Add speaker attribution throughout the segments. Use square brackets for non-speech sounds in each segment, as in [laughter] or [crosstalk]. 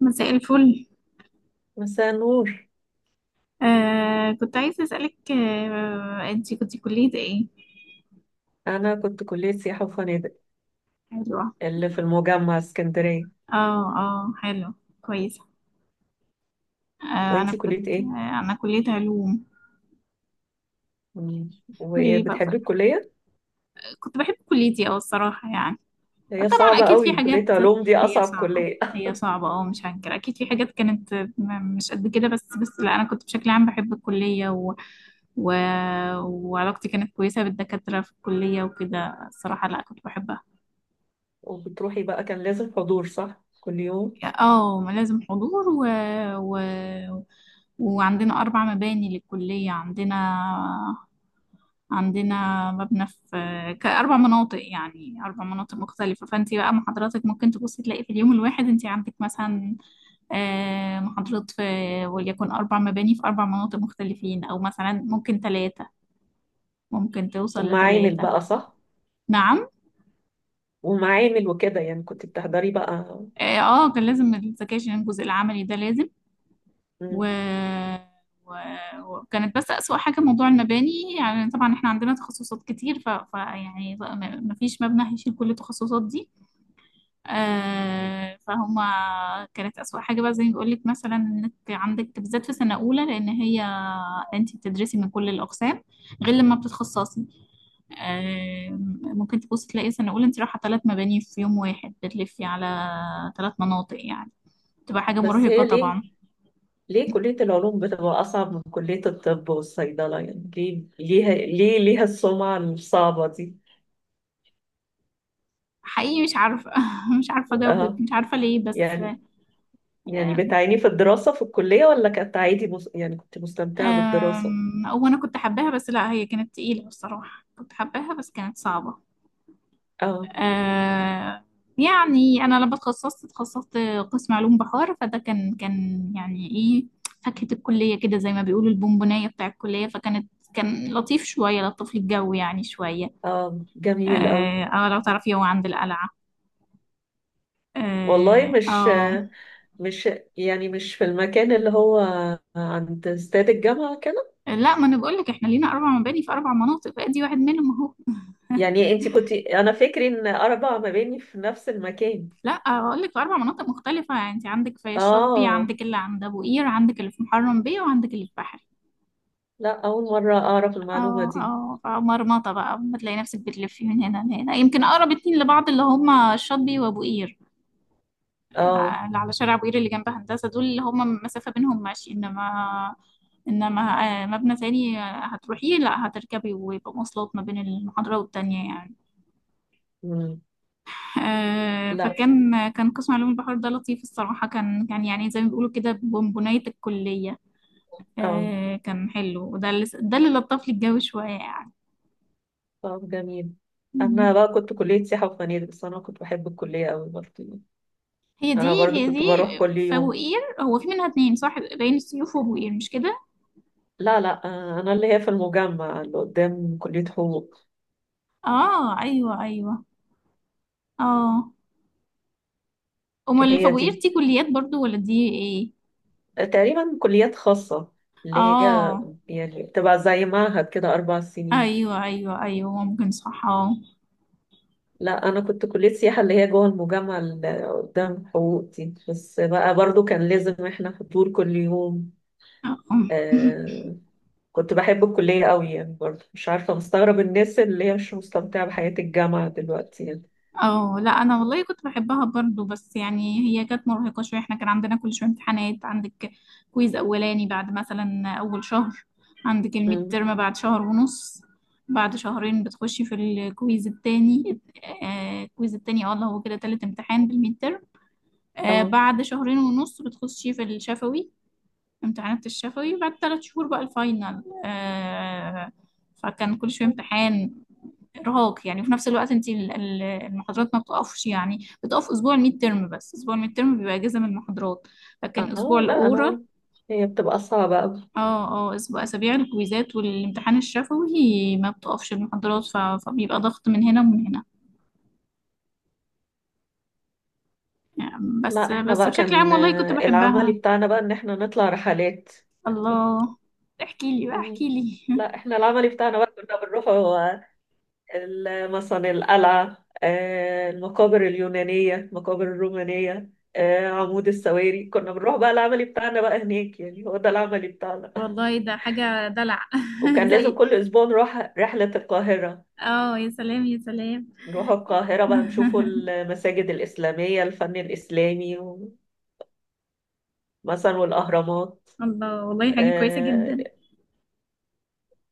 Speaker 1: مساء الفل.
Speaker 2: مساء النور.
Speaker 1: كنت عايزة أسألك أنتي كنت كلية إيه؟
Speaker 2: أنا كنت كلية سياحة وفنادق
Speaker 1: حلوة.
Speaker 2: اللي في المجمع اسكندرية.
Speaker 1: اه، اه، حلو. كويسة. آه أنا
Speaker 2: وأنتي كلية
Speaker 1: كنت
Speaker 2: إيه؟
Speaker 1: آه أنا كلية علوم.
Speaker 2: مم.
Speaker 1: قولي لي بقى
Speaker 2: وبتحبي
Speaker 1: ف-
Speaker 2: الكلية؟
Speaker 1: كنت بحب كليتي أوي، الصراحة يعني.
Speaker 2: هي
Speaker 1: طبعا
Speaker 2: صعبة
Speaker 1: أكيد في
Speaker 2: قوي، كلية
Speaker 1: حاجات.
Speaker 2: علوم دي
Speaker 1: هي
Speaker 2: أصعب
Speaker 1: صعبة.
Speaker 2: كلية [laughs]
Speaker 1: هي صعبة، مش هنكر، أكيد في حاجات كانت مش قد كده، بس لا أنا كنت بشكل عام بحب الكلية و... وعلاقتي كانت كويسة بالدكاترة في الكلية وكده، الصراحة لا كنت بحبها.
Speaker 2: وبتروحي بقى كان لازم حضور صح؟ كل يوم؟
Speaker 1: اه، ما لازم حضور و... وعندنا 4 مباني للكلية. عندنا عندنا مبنى في كأربع مناطق يعني، أربع مناطق مختلفة، فأنت بقى محاضراتك ممكن تبصي تلاقي في اليوم الواحد أنت عندك مثلا آه، محاضرات في وليكن أربع مباني في أربع مناطق مختلفين، أو مثلا ممكن توصل
Speaker 2: ومعامل
Speaker 1: لثلاثة.
Speaker 2: بقى صح؟
Speaker 1: نعم.
Speaker 2: ومعامل وكده، يعني كنت بتحضري بقى.
Speaker 1: اه، كان لازم الذكاء، الجزء العملي ده لازم و...
Speaker 2: مم.
Speaker 1: و... وكانت بس أسوأ حاجة موضوع المباني، يعني طبعا احنا عندنا تخصصات كتير، يعني ما فيش مبنى هيشيل كل التخصصات دي. آه، فهم. كانت أسوأ حاجة بقى، زي ما بقول لك، مثلا انك عندك بالذات في سنة أولى، لأن هي انت بتدرسي من كل الأقسام غير لما بتتخصصي. آه، ممكن تبص تلاقي سنة أولى انت رايحة 3 مباني في يوم واحد، بتلفي على 3 مناطق يعني، تبقى حاجة
Speaker 2: بس
Speaker 1: مرهقة
Speaker 2: هي ليه؟
Speaker 1: طبعا.
Speaker 2: ليه كلية العلوم بتبقى أصعب من كلية الطب والصيدلة؟ يعني ليه ليها السمعة الصعبة دي؟
Speaker 1: حقيقي مش عارفة [laughs] مش عارفة أجاوبك،
Speaker 2: اه،
Speaker 1: مش عارفة ليه بس.
Speaker 2: يعني يعني بتعاني في الدراسة في الكلية، ولا كانت عادي؟ يعني كنت مستمتعة بالدراسة؟
Speaker 1: هو أنا كنت حباها بس لا، هي كانت تقيلة، بصراحة كنت حباها بس كانت صعبة.
Speaker 2: اه.
Speaker 1: أه، يعني أنا لما اتخصصت، اتخصصت قسم علوم بحار، فده كان يعني إيه، فاكهة الكلية كده، زي ما بيقولوا البونبوناية بتاع الكلية، كان لطيف شوية، لطف لي الجو يعني شوية.
Speaker 2: اه
Speaker 1: اه،
Speaker 2: جميل أوي.
Speaker 1: لو تعرفي هو عند القلعة.
Speaker 2: والله
Speaker 1: اه،
Speaker 2: مش
Speaker 1: آه.
Speaker 2: مش يعني مش في المكان اللي هو عند استاد الجامعة كده؟
Speaker 1: لا، ما انا بقول لك احنا لينا اربع مباني في اربع مناطق، بقى دي واحد منهم اهو.
Speaker 2: يعني انت كنت، انا فكري ان اربع مباني في نفس المكان.
Speaker 1: لا، اقول لك في اربع مناطق مختلفه، يعني انت عندك في الشاطبي،
Speaker 2: اه،
Speaker 1: عندك اللي عند ابو قير، عندك اللي في محرم بيه، وعندك اللي في بحري.
Speaker 2: لا، اول مرة اعرف المعلومة
Speaker 1: اه،
Speaker 2: دي.
Speaker 1: اه، فمرمطه بقى، بتلاقي نفسك بتلفي من هنا لهنا، يمكن اقرب اتنين لبعض اللي هما الشاطبي وابو قير.
Speaker 2: اه.
Speaker 1: اللي على شارع ابو قير اللي جنب هندسه، دول اللي هما مسافه بينهم ماشي، انما انما آه، مبنى تاني هتروحيه لا هتركبي، ويبقى مواصلات ما بين المحاضره والتانيه يعني.
Speaker 2: مم. لا.
Speaker 1: فكان قسم علوم البحر ده لطيف الصراحه، كان يعني زي ما بيقولوا كده بونبونايه الكليه.
Speaker 2: اه،
Speaker 1: كان حلو، وده اللي لطف لي الجو شوية يعني.
Speaker 2: طب جميل. انا
Speaker 1: مم.
Speaker 2: بقى كنت كلية سياحة وفنادق، بس انا كنت بحب الكلية أوي برضه.
Speaker 1: هي
Speaker 2: انا
Speaker 1: دي.
Speaker 2: برضو
Speaker 1: هي
Speaker 2: كنت
Speaker 1: دي.
Speaker 2: بروح كل يوم.
Speaker 1: فوقير هو في منها اتنين صح، بين السيوف وبوقير، مش كده؟
Speaker 2: لا لا، انا اللي هي في المجمع اللي قدام كلية حقوق.
Speaker 1: اه، ايوه، ايوه. اه، امال
Speaker 2: هي
Speaker 1: الفوقير
Speaker 2: دي
Speaker 1: دي كليات برضو ولا دي ايه؟
Speaker 2: تقريبا كليات خاصة اللي هي،
Speaker 1: اه،
Speaker 2: يعني بتبقى زي معهد كده اربع سنين.
Speaker 1: ايوه، ايوه، ايوه، ممكن صح، اه.
Speaker 2: لا انا كنت كلية سياحة اللي هي جوه المجمع اللي قدام حقوق دي، بس بقى برضو كان لازم احنا حضور كل يوم.
Speaker 1: آه. [laughs]
Speaker 2: آه. كنت بحب الكلية قوي، يعني برضو مش عارفة، مستغرب الناس اللي هي مش مستمتعة بحياة الجامعة دلوقتي يعني.
Speaker 1: اه. لا، انا والله كنت بحبها برضو، بس يعني هي كانت مرهقه شويه، احنا كان عندنا كل شويه امتحانات. عندك كويز اولاني بعد مثلا اول شهر، عندك الميد
Speaker 2: مم.
Speaker 1: ترم بعد شهر ونص. بعد شهرين بتخشي في الكويز التاني. الكويز التاني اللي هو كده تالت امتحان بالميد ترم.
Speaker 2: اه.
Speaker 1: بعد شهرين ونص بتخشي في الشفوي. امتحانات الشفوي. بعد 3 شهور بقى الفاينل. فكان كل شوية امتحان، ارهاق يعني. في نفس الوقت انت المحاضرات ما بتقفش، يعني بتقف اسبوع الميد ترم بس، اسبوع الميد ترم بيبقى اجازه من المحاضرات. لكن اسبوع
Speaker 2: اه لا
Speaker 1: الاورال،
Speaker 2: انا، هي بتبقى صعبة أوي.
Speaker 1: اه اسابيع الكويزات والامتحان الشفوي ما بتقفش المحاضرات، فبيبقى ضغط من هنا ومن هنا يعني. بس
Speaker 2: لا احنا
Speaker 1: بس
Speaker 2: بقى
Speaker 1: بشكل عام
Speaker 2: كان،
Speaker 1: والله كنت
Speaker 2: العملي
Speaker 1: بحبها.
Speaker 2: بتاعنا بقى ان احنا نطلع رحلات.
Speaker 1: الله، احكي لي بقى،
Speaker 2: مم.
Speaker 1: احكي لي [laughs]
Speaker 2: لا احنا العملي بتاعنا بقى كنا بنروح هو مثلا القلعة، المقابر اليونانية، المقابر الرومانية، عمود السواري. كنا بنروح بقى العملي بتاعنا بقى هناك، يعني هو ده العملي بتاعنا.
Speaker 1: والله ده حاجة دلع [laughs]
Speaker 2: وكان لازم
Speaker 1: زي
Speaker 2: كل أسبوع نروح رحلة القاهرة.
Speaker 1: اه، يا سلام، يا سلام.
Speaker 2: نروح القاهرة بقى نشوفوا
Speaker 1: [laughs]
Speaker 2: المساجد الإسلامية، الفن الإسلامي، مثلا والأهرامات.
Speaker 1: الله، والله حاجة كويسة
Speaker 2: آه،
Speaker 1: جدا.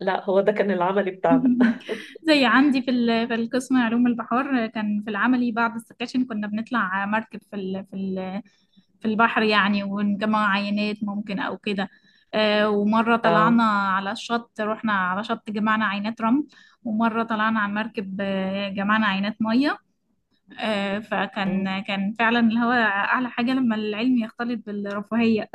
Speaker 2: لا هو ده كان العملي بتاعنا.
Speaker 1: [laughs] زي عندي في القسم علوم البحار، كان في العملي بعد السكاشن كنا بنطلع مركب في البحر يعني، ونجمع عينات ممكن او كده. ومرة
Speaker 2: آه.
Speaker 1: طلعنا على الشط، رحنا على شط جمعنا عينات رمل. ومرة طلعنا على المركب، جمعنا عينات مية.
Speaker 2: مم.
Speaker 1: فكان فعلا اللي هو أعلى حاجة لما العلم يختلط بالرفاهية.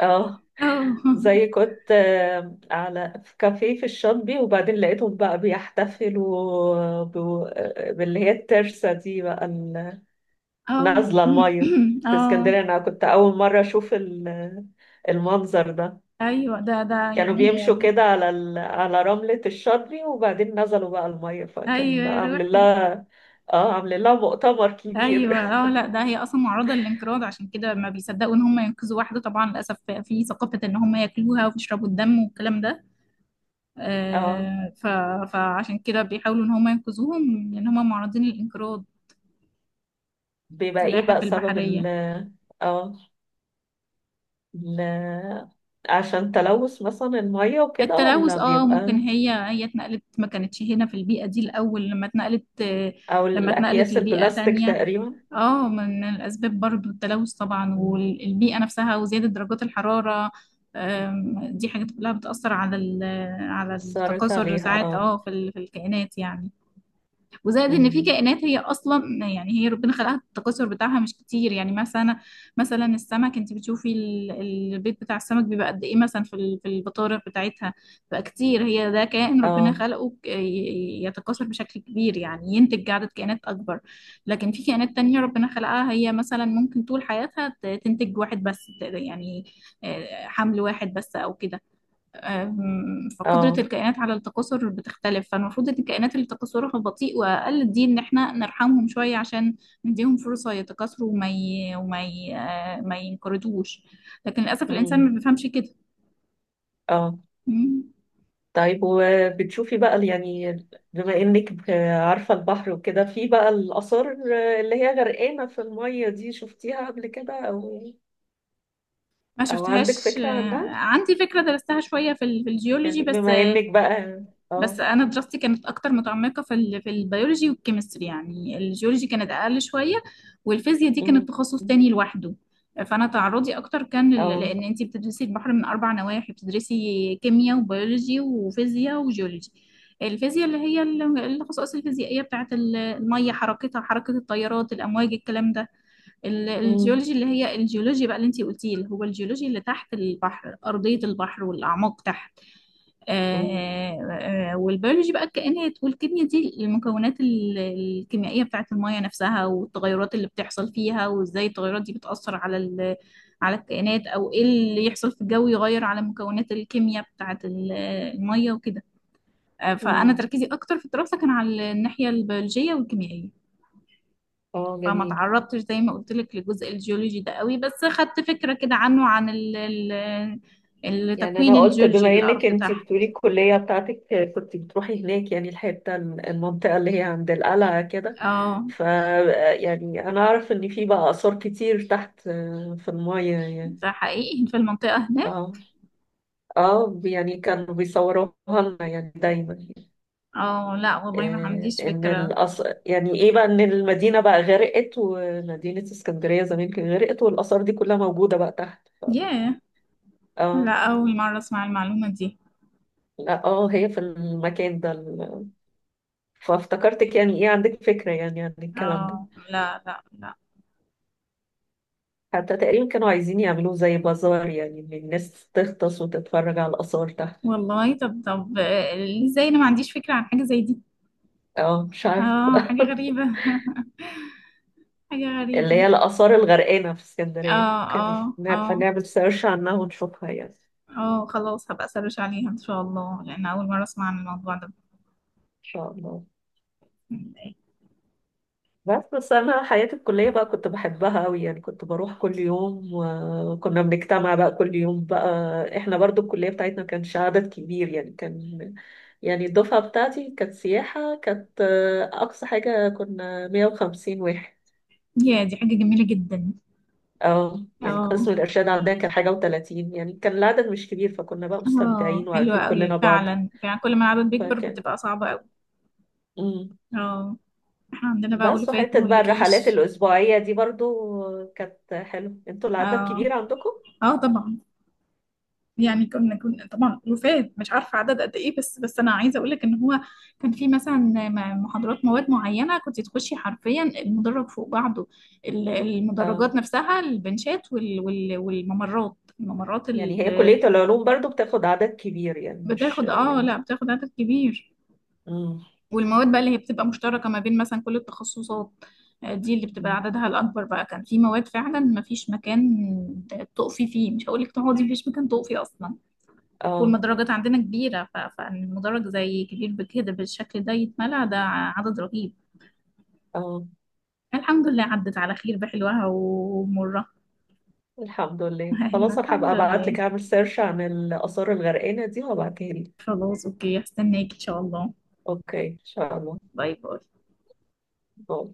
Speaker 2: اه.
Speaker 1: [laughs] اه،
Speaker 2: زي كنت على، في كافيه في الشاطبي، وبعدين لقيتهم بقى بيحتفلوا باللي هي الترسة دي بقى،
Speaker 1: اه.
Speaker 2: نازلة المية
Speaker 1: [clears throat]
Speaker 2: في
Speaker 1: اه،
Speaker 2: اسكندرية. أنا كنت أول مرة أشوف المنظر ده.
Speaker 1: ايوه ده
Speaker 2: كانوا
Speaker 1: يعني هي.
Speaker 2: بيمشوا كده على على رملة الشاطبي، وبعدين نزلوا بقى المية، فكان
Speaker 1: ايوه
Speaker 2: بقى
Speaker 1: يا
Speaker 2: عامل
Speaker 1: روحي،
Speaker 2: لها، اه عامل لها مؤتمر
Speaker 1: ايوه.
Speaker 2: كبير.
Speaker 1: اه، لا ده هي اصلا معرضه للانقراض، عشان كده ما بيصدقوا ان هم ينقذوا واحده، طبعا للاسف. في ثقافه ان هم ياكلوها ويشربوا الدم والكلام ده.
Speaker 2: [laughs] اه.
Speaker 1: آه ف فعشان كده بيحاولوا ان هم ينقذوهم لان هم معرضين للانقراض.
Speaker 2: بيبقى ايه
Speaker 1: السلاحف
Speaker 2: بقى سبب
Speaker 1: البحريه.
Speaker 2: ال، اه، ل... عشان تلوث مثلا المية وكده،
Speaker 1: التلوث،
Speaker 2: ولا
Speaker 1: ممكن
Speaker 2: بيبقى
Speaker 1: هي اتنقلت، ما كانتش هنا في البيئه دي الاول،
Speaker 2: أو
Speaker 1: لما اتنقلت
Speaker 2: الأكياس
Speaker 1: لبيئه
Speaker 2: البلاستيك
Speaker 1: تانية.
Speaker 2: تقريبا؟
Speaker 1: اه، من الأسباب برضو التلوث طبعا،
Speaker 2: مم.
Speaker 1: والبيئة نفسها، وزيادة درجات الحرارة. دي حاجات كلها بتأثر على
Speaker 2: أثرت
Speaker 1: التكاثر
Speaker 2: عليها،
Speaker 1: ساعات،
Speaker 2: اه.
Speaker 1: في الكائنات يعني. وزائد ان في
Speaker 2: مم.
Speaker 1: كائنات هي اصلا يعني هي ربنا خلقها، التكاثر بتاعها مش كتير يعني، مثلا السمك انت بتشوفي البيض بتاع السمك بيبقى قد ايه، مثلا في البطارخ بتاعتها بقى كتير، هي ده كائن ربنا
Speaker 2: اه.
Speaker 1: خلقه يتكاثر بشكل كبير، يعني ينتج عدد كائنات اكبر. لكن في كائنات تانية ربنا خلقها هي، مثلا ممكن طول حياتها تنتج واحد بس، يعني حمل واحد بس او كده. فقدرة
Speaker 2: اه.
Speaker 1: الكائنات على التكاثر بتختلف، فالمفروض ان الكائنات اللي تكاثرها بطيء وأقل دي ان احنا نرحمهم شوية، عشان نديهم فرصة يتكاثروا وما ي... وما ي... آه، ما ينقرضوش. لكن للأسف الإنسان ما
Speaker 2: مم.
Speaker 1: بيفهمش كده.
Speaker 2: اه
Speaker 1: مم.
Speaker 2: طيب، وبتشوفي بقى يعني، بما إنك عارفة البحر وكده، في بقى الآثار اللي هي غرقانة في المية دي، شفتيها قبل كده، أو
Speaker 1: ما
Speaker 2: أو عندك
Speaker 1: شفتهاش.
Speaker 2: فكرة عنها؟
Speaker 1: عندي فكرة درستها شوية في الجيولوجي
Speaker 2: يعني
Speaker 1: بس.
Speaker 2: بما إنك بقى، اه.
Speaker 1: بس انا دراستي كانت اكتر متعمقه في البيولوجي والكيمستري، يعني الجيولوجي كانت اقل شويه، والفيزياء دي كانت
Speaker 2: مم.
Speaker 1: تخصص تاني لوحده. فانا تعرضي اكتر كان
Speaker 2: اه.
Speaker 1: لان انت بتدرسي البحر من 4 نواحي، بتدرسي كيمياء، وبيولوجي، وفيزياء، وجيولوجي. الفيزياء اللي هي الخصائص الفيزيائيه بتاعت الميه، حركتها، حركه التيارات، الامواج، الكلام ده.
Speaker 2: مم.
Speaker 1: الجيولوجي اللي هي الجيولوجيا بقى اللي انت قلتيه، اللي هو الجيولوجي اللي تحت البحر، ارضيه البحر والاعماق تحت.
Speaker 2: مم.
Speaker 1: والبيولوجي بقى الكائنات، والكيمياء دي المكونات الكيميائية بتاعت المية نفسها، والتغيرات اللي بتحصل فيها، وازاي التغيرات دي بتأثر على الكائنات، او ايه اللي يحصل في الجو يغير على مكونات الكيمياء بتاعت المية وكده. فأنا
Speaker 2: مم.
Speaker 1: تركيزي أكتر في الدراسة كان على الناحية البيولوجية والكيميائية.
Speaker 2: اه
Speaker 1: فما
Speaker 2: جميل.
Speaker 1: تعرضتش زي ما قلت لك لجزء الجيولوجي ده قوي، بس خدت فكرة كده عنه،
Speaker 2: يعني
Speaker 1: التكوين
Speaker 2: انا قلت
Speaker 1: الجيولوجي
Speaker 2: بما
Speaker 1: للأرض
Speaker 2: انك انتي
Speaker 1: تحت.
Speaker 2: بتقولي الكليه بتاعتك كنت بتروحي هناك، يعني الحته المنطقه اللي هي عند القلعه كده،
Speaker 1: اه،
Speaker 2: ف، يعني انا اعرف ان في بقى اثار كتير تحت، في المايه يعني.
Speaker 1: ده حقيقي في المنطقة هناك.
Speaker 2: اه. اه يعني كانوا بيصوروها لنا يعني دايما،
Speaker 1: اه، لا والله ما عنديش
Speaker 2: ان
Speaker 1: فكرة.
Speaker 2: يعني ايه بقى، ان المدينه بقى غرقت، ومدينه اسكندريه زمان كانت غرقت، والاثار دي كلها موجوده بقى تحت.
Speaker 1: ياه.
Speaker 2: اه.
Speaker 1: لا، أول مرة أسمع المعلومة دي.
Speaker 2: لا اه، هي في المكان ده، فافتكرتك يعني ايه عندك فكرة يعني عن الكلام ده.
Speaker 1: اه، لا، لا، لا.
Speaker 2: حتى تقريبا كانوا عايزين يعملوه زي بازار، يعني ان الناس تغطس وتتفرج على الآثار تحت.
Speaker 1: والله، طب، طب، ازاي أنا ما عنديش فكرة عن حاجة زي دي؟
Speaker 2: اه مش عارف.
Speaker 1: اه، حاجة
Speaker 2: [laughs]
Speaker 1: غريبة. [laughs] حاجة
Speaker 2: اللي
Speaker 1: غريبة.
Speaker 2: هي الآثار الغرقانة في
Speaker 1: اه،
Speaker 2: اسكندرية. اوكي،
Speaker 1: اه،
Speaker 2: نبقى
Speaker 1: اه.
Speaker 2: نعمل سيرش عنها ونشوفها، يعني ان
Speaker 1: اه، خلاص هبقى أسرش عليها إن شاء الله، لأن أول مرة أسمع عن الموضوع ده.
Speaker 2: شاء الله. بس انا حياتي الكليه بقى كنت بحبها قوي، يعني كنت بروح كل يوم، وكنا بنجتمع بقى كل يوم بقى. احنا برضو الكليه بتاعتنا ما كانش عدد كبير، يعني كان، يعني الدفعه بتاعتي كانت سياحه، كانت اقصى حاجه كنا 150 واحد.
Speaker 1: يا دي حاجة جميلة جدا.
Speaker 2: اه يعني
Speaker 1: اه،
Speaker 2: قسم الارشاد عندنا كان حاجه و30، يعني كان العدد مش كبير، فكنا بقى
Speaker 1: اه،
Speaker 2: مستمتعين
Speaker 1: حلوة
Speaker 2: وعارفين كلنا
Speaker 1: أوي.
Speaker 2: بعض.
Speaker 1: فعلا، فعلا، كل ما العدد بيكبر
Speaker 2: فكان،
Speaker 1: بتبقى صعبة أوي.
Speaker 2: مم.
Speaker 1: اه، احنا عندنا بقى
Speaker 2: بس
Speaker 1: ألوفات
Speaker 2: وحته
Speaker 1: ما
Speaker 2: بقى الرحلات
Speaker 1: اقولكيش.
Speaker 2: الاسبوعيه دي برضو كانت حلوه. انتوا العدد
Speaker 1: اه،
Speaker 2: كبير عندكم؟
Speaker 1: اه، طبعا. يعني كنا طبعا ألوفات، مش عارفة عدد قد ايه، بس انا عايزة اقولك ان هو كان في مثلا محاضرات مواد معينة كنت تخشي حرفيا المدرج فوق بعضه،
Speaker 2: آه.
Speaker 1: المدرجات نفسها، البنشات، والممرات،
Speaker 2: يعني هي
Speaker 1: اللي
Speaker 2: كلية العلوم برضو بتاخد عدد كبير، يعني مش
Speaker 1: بتاخد،
Speaker 2: يعني.
Speaker 1: لا، بتاخد عدد كبير.
Speaker 2: مم.
Speaker 1: والمواد بقى اللي هي بتبقى مشتركة ما بين مثلا كل التخصصات، دي اللي بتبقى
Speaker 2: مم.
Speaker 1: عددها الأكبر، بقى كان في مواد فعلا ما فيش مكان تقفي فيه، مش هقولك تقعدي، مفيش مكان تقفي أصلا.
Speaker 2: اه.
Speaker 1: والمدرجات عندنا كبيرة فالمدرج زي كبير بكده بالشكل ده، يتملى. ده عدد رهيب.
Speaker 2: اه
Speaker 1: الحمد لله عدت على خير، بحلوها ومرها.
Speaker 2: الحمد
Speaker 1: [laughs]
Speaker 2: لله.
Speaker 1: أيوة
Speaker 2: خلاص انا
Speaker 1: الحمد
Speaker 2: هبقى ابعت
Speaker 1: لله.
Speaker 2: لك، اعمل سيرش عن الآثار الغرقانة دي وهبعتها لك.
Speaker 1: خلاص، أوكي، هستناك إن شاء الله.
Speaker 2: اوكي ان شاء الله.
Speaker 1: باي باي.
Speaker 2: باي.